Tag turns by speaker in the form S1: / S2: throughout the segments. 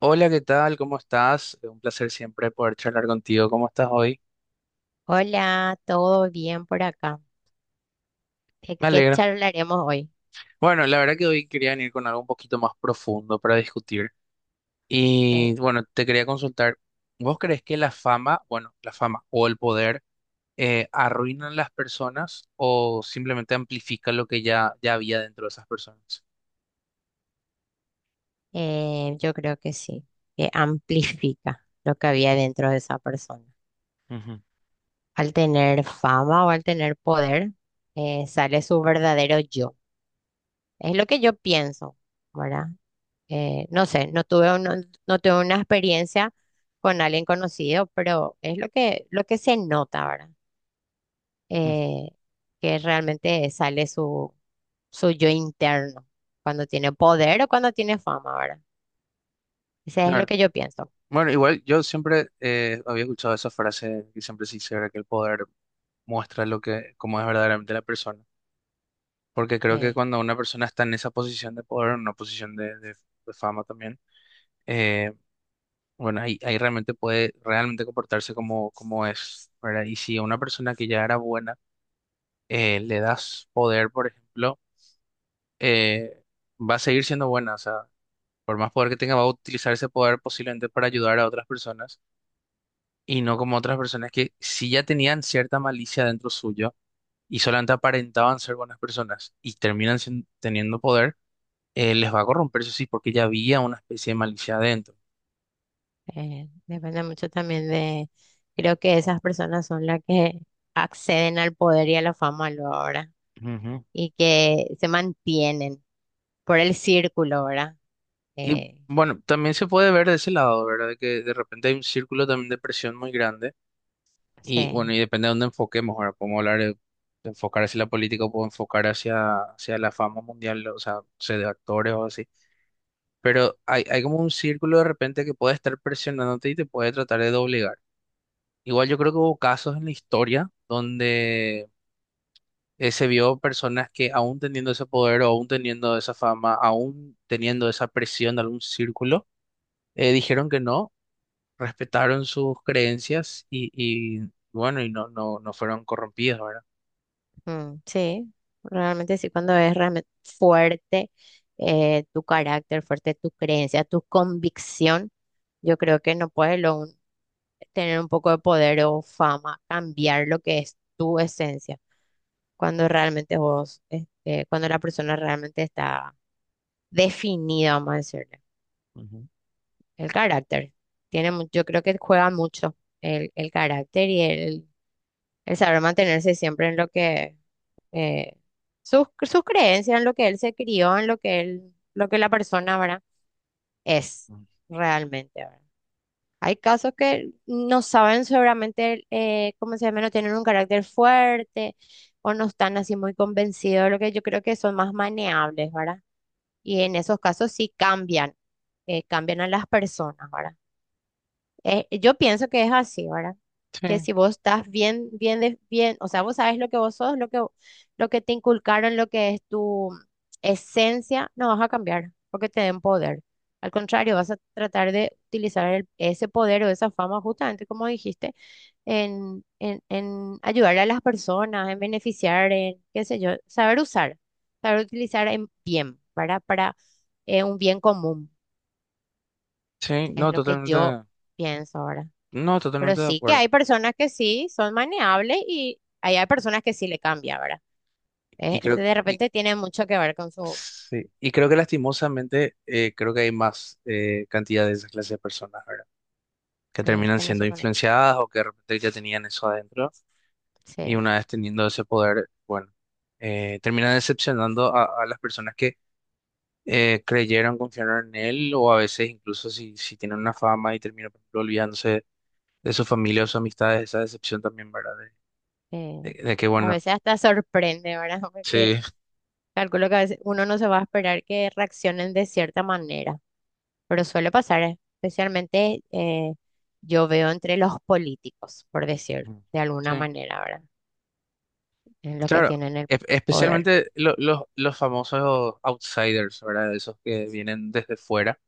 S1: Hola, ¿qué tal? ¿Cómo estás? Un placer siempre poder charlar contigo. ¿Cómo estás hoy?
S2: Hola, ¿todo bien por acá? ¿De
S1: Me
S2: qué
S1: alegro.
S2: charlaremos hoy?
S1: Bueno, la verdad que hoy quería venir con algo un poquito más profundo para discutir.
S2: Eh,
S1: Y bueno, te quería consultar, ¿vos crees que la fama, bueno, la fama o el poder arruinan las personas o simplemente amplifican lo que ya había dentro de esas personas?
S2: yo creo que sí, que amplifica lo que había dentro de esa persona.
S1: Ujú,
S2: Al tener fama o al tener poder, sale su verdadero yo. Es lo que yo pienso, ¿verdad? No sé, no tuve una experiencia con alguien conocido, pero es lo lo que se nota, ¿verdad?
S1: ujú.
S2: eh, que realmente sale su yo interno, cuando tiene poder o cuando tiene fama, ¿verdad? Ese es lo
S1: Claro.
S2: que yo pienso.
S1: Bueno, igual yo siempre había escuchado esa frase que siempre se dice, ¿verdad? Que el poder muestra lo que, cómo es verdaderamente la persona. Porque creo que
S2: eh,
S1: cuando una persona está en esa posición de poder, en una posición de de fama también, eh, bueno, ahí realmente puede realmente comportarse como, como es, ¿verdad? Y si a una persona que ya era buena le das poder, por ejemplo, eh, va a seguir siendo buena, o sea, por más poder que tenga, va a utilizar ese poder posiblemente para ayudar a otras personas y no como otras personas que si ya tenían cierta malicia dentro suyo y solamente aparentaban ser buenas personas y terminan teniendo poder, les va a corromper, eso sí, porque ya había una especie de malicia adentro.
S2: Depende mucho también de, creo que esas personas son las que acceden al poder y a la fama luego, ¿verdad?
S1: Ujú.
S2: Y que se mantienen por el círculo, ¿verdad?
S1: Y
S2: Eh,
S1: bueno, también se puede ver de ese lado, ¿verdad? De que de repente hay un círculo también de presión muy grande y bueno,
S2: sí.
S1: y depende de dónde enfoquemos, ahora podemos hablar de enfocar hacia la política o puedo enfocar hacia, hacia la fama mundial, o sea, no sé, de actores o así, pero hay como un círculo de repente que puede estar presionándote y te puede tratar de doblegar. Igual yo creo que hubo casos en la historia donde se vio personas que aún teniendo ese poder, o aún teniendo esa fama, aún teniendo esa presión de algún círculo, dijeron que no, respetaron sus creencias y bueno, y no, no, no fueron corrompidos, ¿verdad?
S2: Mm, sí, realmente sí, cuando es realmente fuerte tu carácter, fuerte tu creencia, tu convicción, yo creo que no puedes lo un- tener un poco de poder o fama, cambiar lo que es tu esencia, cuando realmente vos, este, cuando la persona realmente está definida, vamos a decirle.
S1: Ujú.
S2: El carácter. Tiene, yo creo que juega mucho el carácter y el saber mantenerse siempre en lo que, eh, sus creencias, en lo que él se crió, en lo que él, lo que la persona, ¿verdad? Es
S1: Ujú.
S2: realmente, ¿verdad? Hay casos que no saben seguramente, ¿cómo se llama? No tienen un carácter fuerte o no están así muy convencidos, de lo que yo creo que son más maneables, ¿verdad? Y en esos casos sí cambian, cambian a las personas, ¿verdad? Yo pienso que es así, ¿verdad? Que
S1: Sí,
S2: si vos estás bien, o sea, vos sabes lo que vos sos, lo que te inculcaron, lo que es tu esencia, no vas a cambiar porque te den poder. Al contrario, vas a tratar de utilizar ese poder o esa fama, justamente como dijiste, en ayudar a las personas, en beneficiar, en qué sé yo, saber usar, saber utilizar en bien, ¿verdad? Para un bien común,
S1: sí,
S2: es
S1: no,
S2: lo que
S1: totalmente,
S2: yo pienso ahora.
S1: no,
S2: Pero
S1: totalmente de
S2: sí que
S1: acuerdo.
S2: hay personas que sí son maneables y ahí hay personas que sí le cambia, ¿verdad?
S1: Y creo,
S2: De
S1: y,
S2: repente tiene mucho que ver con su...
S1: sí, y creo que lastimosamente, creo que hay más cantidad de esa clase de personas, ¿verdad? Que
S2: Sí,
S1: terminan
S2: que no
S1: siendo
S2: se conoce.
S1: influenciadas o que de repente ya tenían eso adentro. Y
S2: Sí.
S1: una vez teniendo ese poder, bueno, termina decepcionando a las personas que creyeron, confiaron en él, o a veces incluso si, si tienen una fama y termina, por ejemplo, olvidándose de su familia o sus amistades, esa decepción también, ¿verdad?
S2: eh,
S1: De, de que,
S2: a
S1: bueno,
S2: veces hasta sorprende, ¿verdad? Porque
S1: sí.
S2: calculo que a veces uno no se va a esperar que reaccionen de cierta manera, pero suele pasar, especialmente, yo veo entre los políticos, por decir,
S1: Ujú.
S2: de alguna
S1: Sí,
S2: manera, ¿verdad? En los que
S1: claro.
S2: tienen el poder.
S1: Especialmente los famosos outsiders, ¿verdad? Esos que vienen desde fuera,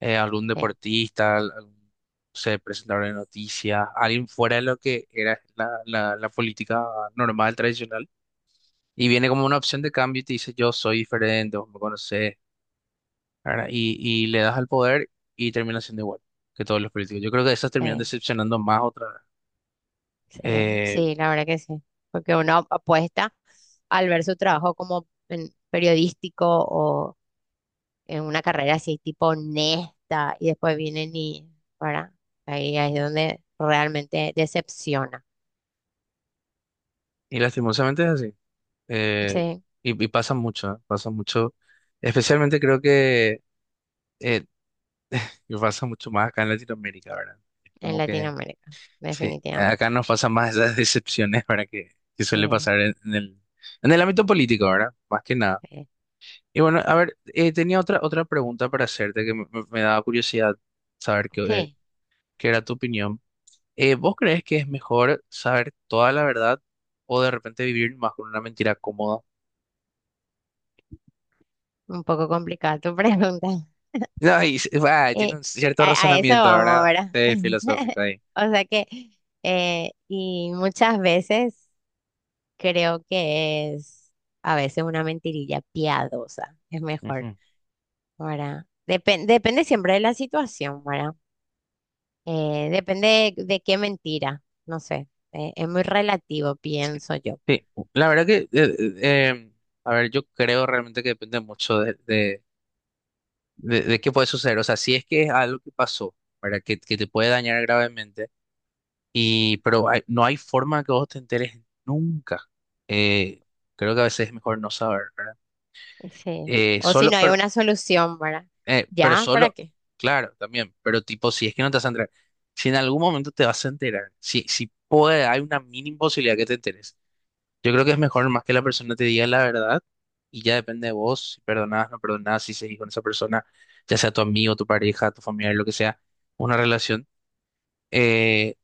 S1: algún
S2: Sí,
S1: deportista, algún, no sé, presentador de noticias, alguien fuera de lo que era la política normal, tradicional, y viene como una opción de cambio y te dice, yo soy diferente, vos me conocés, ¿verdad? Y le das al poder y termina siendo igual que todos los políticos. Yo creo que esas terminan
S2: sí.
S1: decepcionando más otra vez.
S2: Sí,
S1: Eh,
S2: sí, la verdad que sí, porque uno apuesta al ver su trabajo como periodístico o en una carrera así tipo honesta y después vienen y, ¿verdad? Ahí es donde realmente decepciona.
S1: y lastimosamente es así. Eh,
S2: Sí,
S1: y pasa mucho, ¿eh? Pasa mucho. Especialmente creo que eh, y pasa mucho más acá en Latinoamérica, ¿verdad?
S2: en
S1: Como que
S2: Latinoamérica,
S1: sí,
S2: definitivamente.
S1: acá nos pasan más esas decepciones, ¿verdad? Que suele
S2: Sí,
S1: pasar en el ámbito político, ¿verdad? Más que nada.
S2: sí.
S1: Y bueno, a ver, tenía otra, otra pregunta para hacerte que me, me daba curiosidad saber qué,
S2: Sí,
S1: qué era tu opinión. ¿Vos crees que es mejor saber toda la verdad o de repente vivir más con una mentira cómoda?
S2: un poco complicada tu pregunta.
S1: No, y, va,
S2: Eh,
S1: tiene un cierto
S2: a, a eso
S1: razonamiento,
S2: vamos,
S1: ¿verdad?
S2: ¿verdad?
S1: Sí, filosófico ahí.
S2: O sea que, y muchas veces... Creo que es a veces una mentirilla piadosa, es mejor,
S1: Ujú.
S2: ¿verdad? Depende siempre de la situación, ¿verdad? Depende de qué mentira, no sé, es muy relativo, pienso yo.
S1: Sí, la verdad que, a ver, yo creo realmente que depende mucho de qué puede suceder. O sea, si es que es algo que pasó, para que te puede dañar gravemente, y, pero no hay forma que vos te enteres nunca. Eh, creo que a veces es mejor no saber, ¿verdad?
S2: Sí. O si
S1: Solo,
S2: no hay una solución, ¿verdad?
S1: pero
S2: ¿Ya? ¿Para
S1: solo,
S2: qué?
S1: claro, también, pero tipo, si es que no te vas a enterar, si en algún momento te vas a enterar, si, si puede, hay una mínima posibilidad que te enteres. Yo creo que es mejor más que la persona te diga la verdad y ya depende de vos, si perdonás, no perdonás, si seguís con esa persona, ya sea tu amigo, tu pareja, tu familiar, lo que sea, una relación, eh,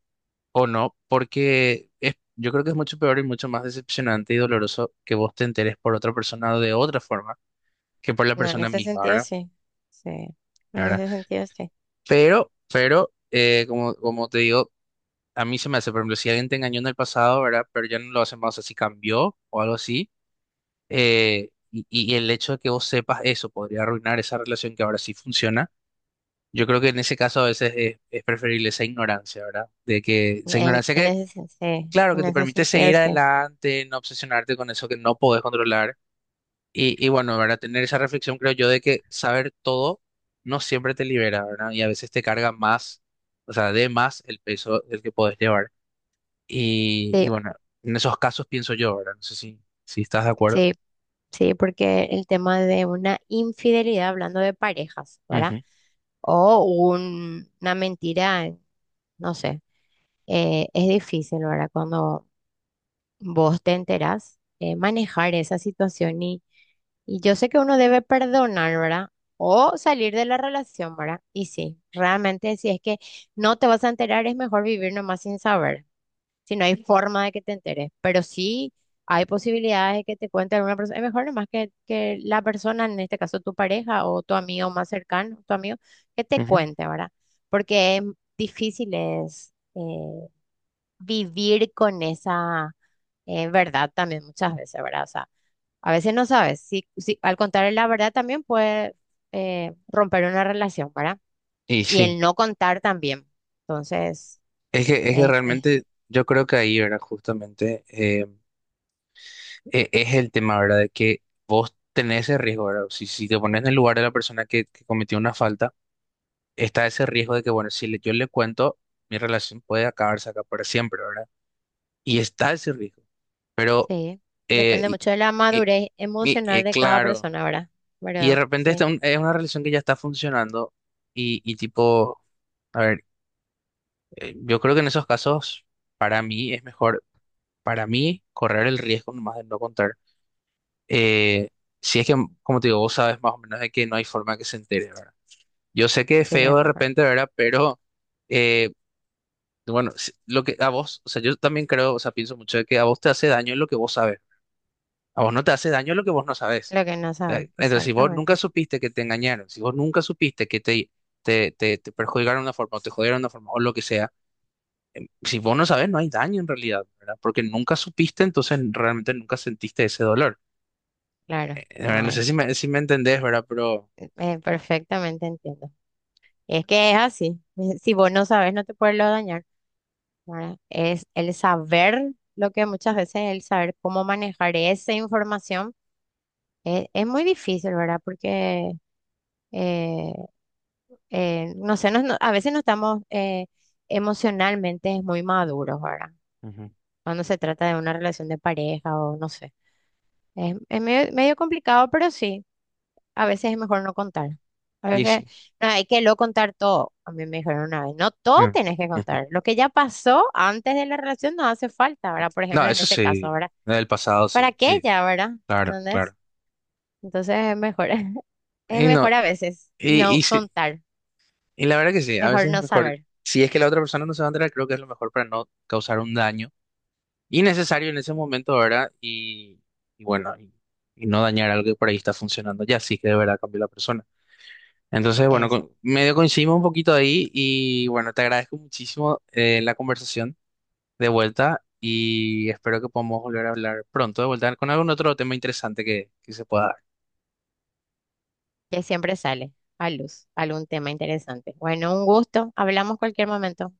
S1: o no, porque es, yo creo que es mucho peor y mucho más decepcionante y doloroso que vos te enteres por otra persona o de otra forma que por la
S2: No, en
S1: persona
S2: ese
S1: misma,
S2: sentido
S1: ¿verdad?
S2: sí, sí, en
S1: ¿Verdad?
S2: ese sentido sí,
S1: Pero, como, como te digo, a mí se me hace, por ejemplo, si alguien te engañó en el pasado, ¿verdad? Pero ya no lo hace más, así cambió o algo así. Eh, y el hecho de que vos sepas eso podría arruinar esa relación que ahora sí funciona. Yo creo que en ese caso a veces es preferible esa ignorancia, ¿verdad? De que esa ignorancia que,
S2: sí,
S1: claro,
S2: en
S1: que te
S2: ese
S1: permite
S2: sentido
S1: seguir
S2: sí,
S1: adelante, no obsesionarte con eso que no podés controlar. Y bueno, ¿verdad? Tener esa reflexión, creo yo, de que saber todo no siempre te libera, ¿verdad? Y a veces te carga más, o sea, de más el peso del que podés llevar. Y
S2: sí,
S1: bueno, en esos casos pienso yo, ¿verdad? No sé si, si estás de acuerdo.
S2: sí, sí, porque el tema de una infidelidad, hablando de parejas, ¿verdad?
S1: Ujú,
S2: O una mentira, no sé. Es difícil, ¿verdad? Cuando vos te enterás, manejar esa situación y yo sé que uno debe perdonar, ¿verdad? O salir de la relación, ¿verdad? Y sí, realmente si es que no te vas a enterar, es mejor vivir nomás sin saber. Si no hay forma de que te enteres, pero sí hay posibilidades de que te cuente alguna persona. Es mejor nomás que la persona, en este caso tu pareja o tu amigo más cercano, tu amigo, que te
S1: ujú.
S2: cuente, ¿verdad? Porque es difícil es vivir con esa verdad también muchas veces, ¿verdad? O sea, a veces no sabes. Si al contar la verdad también puede romper una relación, ¿verdad?
S1: Y
S2: Y
S1: sí.
S2: el no contar también. Entonces,
S1: Es que
S2: es
S1: realmente yo creo que ahí, ¿verdad? Justamente es el tema, ¿verdad? De que vos tenés ese riesgo, ¿verdad? Si, si te pones en el lugar de la persona que cometió una falta, está ese riesgo de que, bueno, si yo le cuento, mi relación puede acabarse acá para siempre, ¿verdad? Y está ese riesgo. Pero,
S2: sí, depende
S1: y,
S2: mucho de la
S1: y-
S2: madurez emocional de cada
S1: claro,
S2: persona, ¿verdad?
S1: y de
S2: Pero
S1: repente está
S2: sí,
S1: es una relación que ya está funcionando y tipo, a ver, yo creo que en esos casos, para mí es mejor. Para mí, correr el riesgo nomás de no contar. Eh, si es que, como te digo, vos sabes más o menos de que no hay forma que se entere, ¿verdad? Yo sé que es
S2: sí,
S1: feo
S2: es
S1: de
S2: mejor.
S1: repente, ¿verdad? Pero, eh, bueno, lo que a vos, o sea, yo también creo, o sea, pienso mucho de que a vos te hace daño lo que vos sabes. A vos no te hace daño lo que vos no sabes.
S2: Lo que no sabes,
S1: Entonces, si vos nunca
S2: exactamente.
S1: supiste que te engañaron, si vos nunca supiste que te, te perjudicaron de una forma o te jodieron de una forma o lo que sea, si vos no sabes, no hay daño en realidad, ¿verdad? Porque nunca supiste, entonces realmente nunca sentiste ese dolor.
S2: Claro, no
S1: Eh, no sé
S2: hay.
S1: si me, si me entendés, ¿verdad? Pero,
S2: Perfectamente entiendo. Y es que es así. Si vos no sabes, no te puedes lo dañar, ¿verdad? Es el saber lo que muchas veces el saber cómo manejar esa información es, muy difícil, ¿verdad? Porque, eh, no sé, a veces no estamos emocionalmente muy maduros, ¿verdad?
S1: ujú,
S2: Cuando se trata de una relación de pareja o no sé. Es medio, medio complicado, pero sí, a veces es mejor no contar. A
S1: y
S2: veces
S1: sí.
S2: no hay que lo contar todo. A mí me dijeron una vez, no todo
S1: Mm,
S2: tenés que
S1: ujú.
S2: contar. Lo que ya pasó antes de la relación no hace falta, ¿verdad? Por
S1: No,
S2: ejemplo, en
S1: eso
S2: ese caso,
S1: sí,
S2: ¿verdad?
S1: del pasado
S2: ¿Para
S1: sí,
S2: qué
S1: sí,
S2: ya, verdad?
S1: claro,
S2: ¿Entendés?
S1: claro.
S2: Entonces es mejor, es
S1: Y no,
S2: mejor a veces
S1: y
S2: no
S1: sí,
S2: contar,
S1: y la verdad que sí, a
S2: mejor
S1: veces es
S2: no
S1: mejor,
S2: saber
S1: si es que la otra persona no se va a enterar, creo que es lo mejor para no causar un daño innecesario en ese momento, ¿verdad? Y bueno, y no dañar algo que por ahí está funcionando ya, sí que de verdad cambió la persona. Entonces, bueno,
S2: eso,
S1: medio coincidimos un poquito ahí y bueno, te agradezco muchísimo la conversación. De vuelta y espero que podamos volver a hablar pronto de vuelta con algún otro tema interesante que se pueda
S2: que siempre sale a luz algún tema interesante. Bueno, un gusto, hablamos cualquier momento.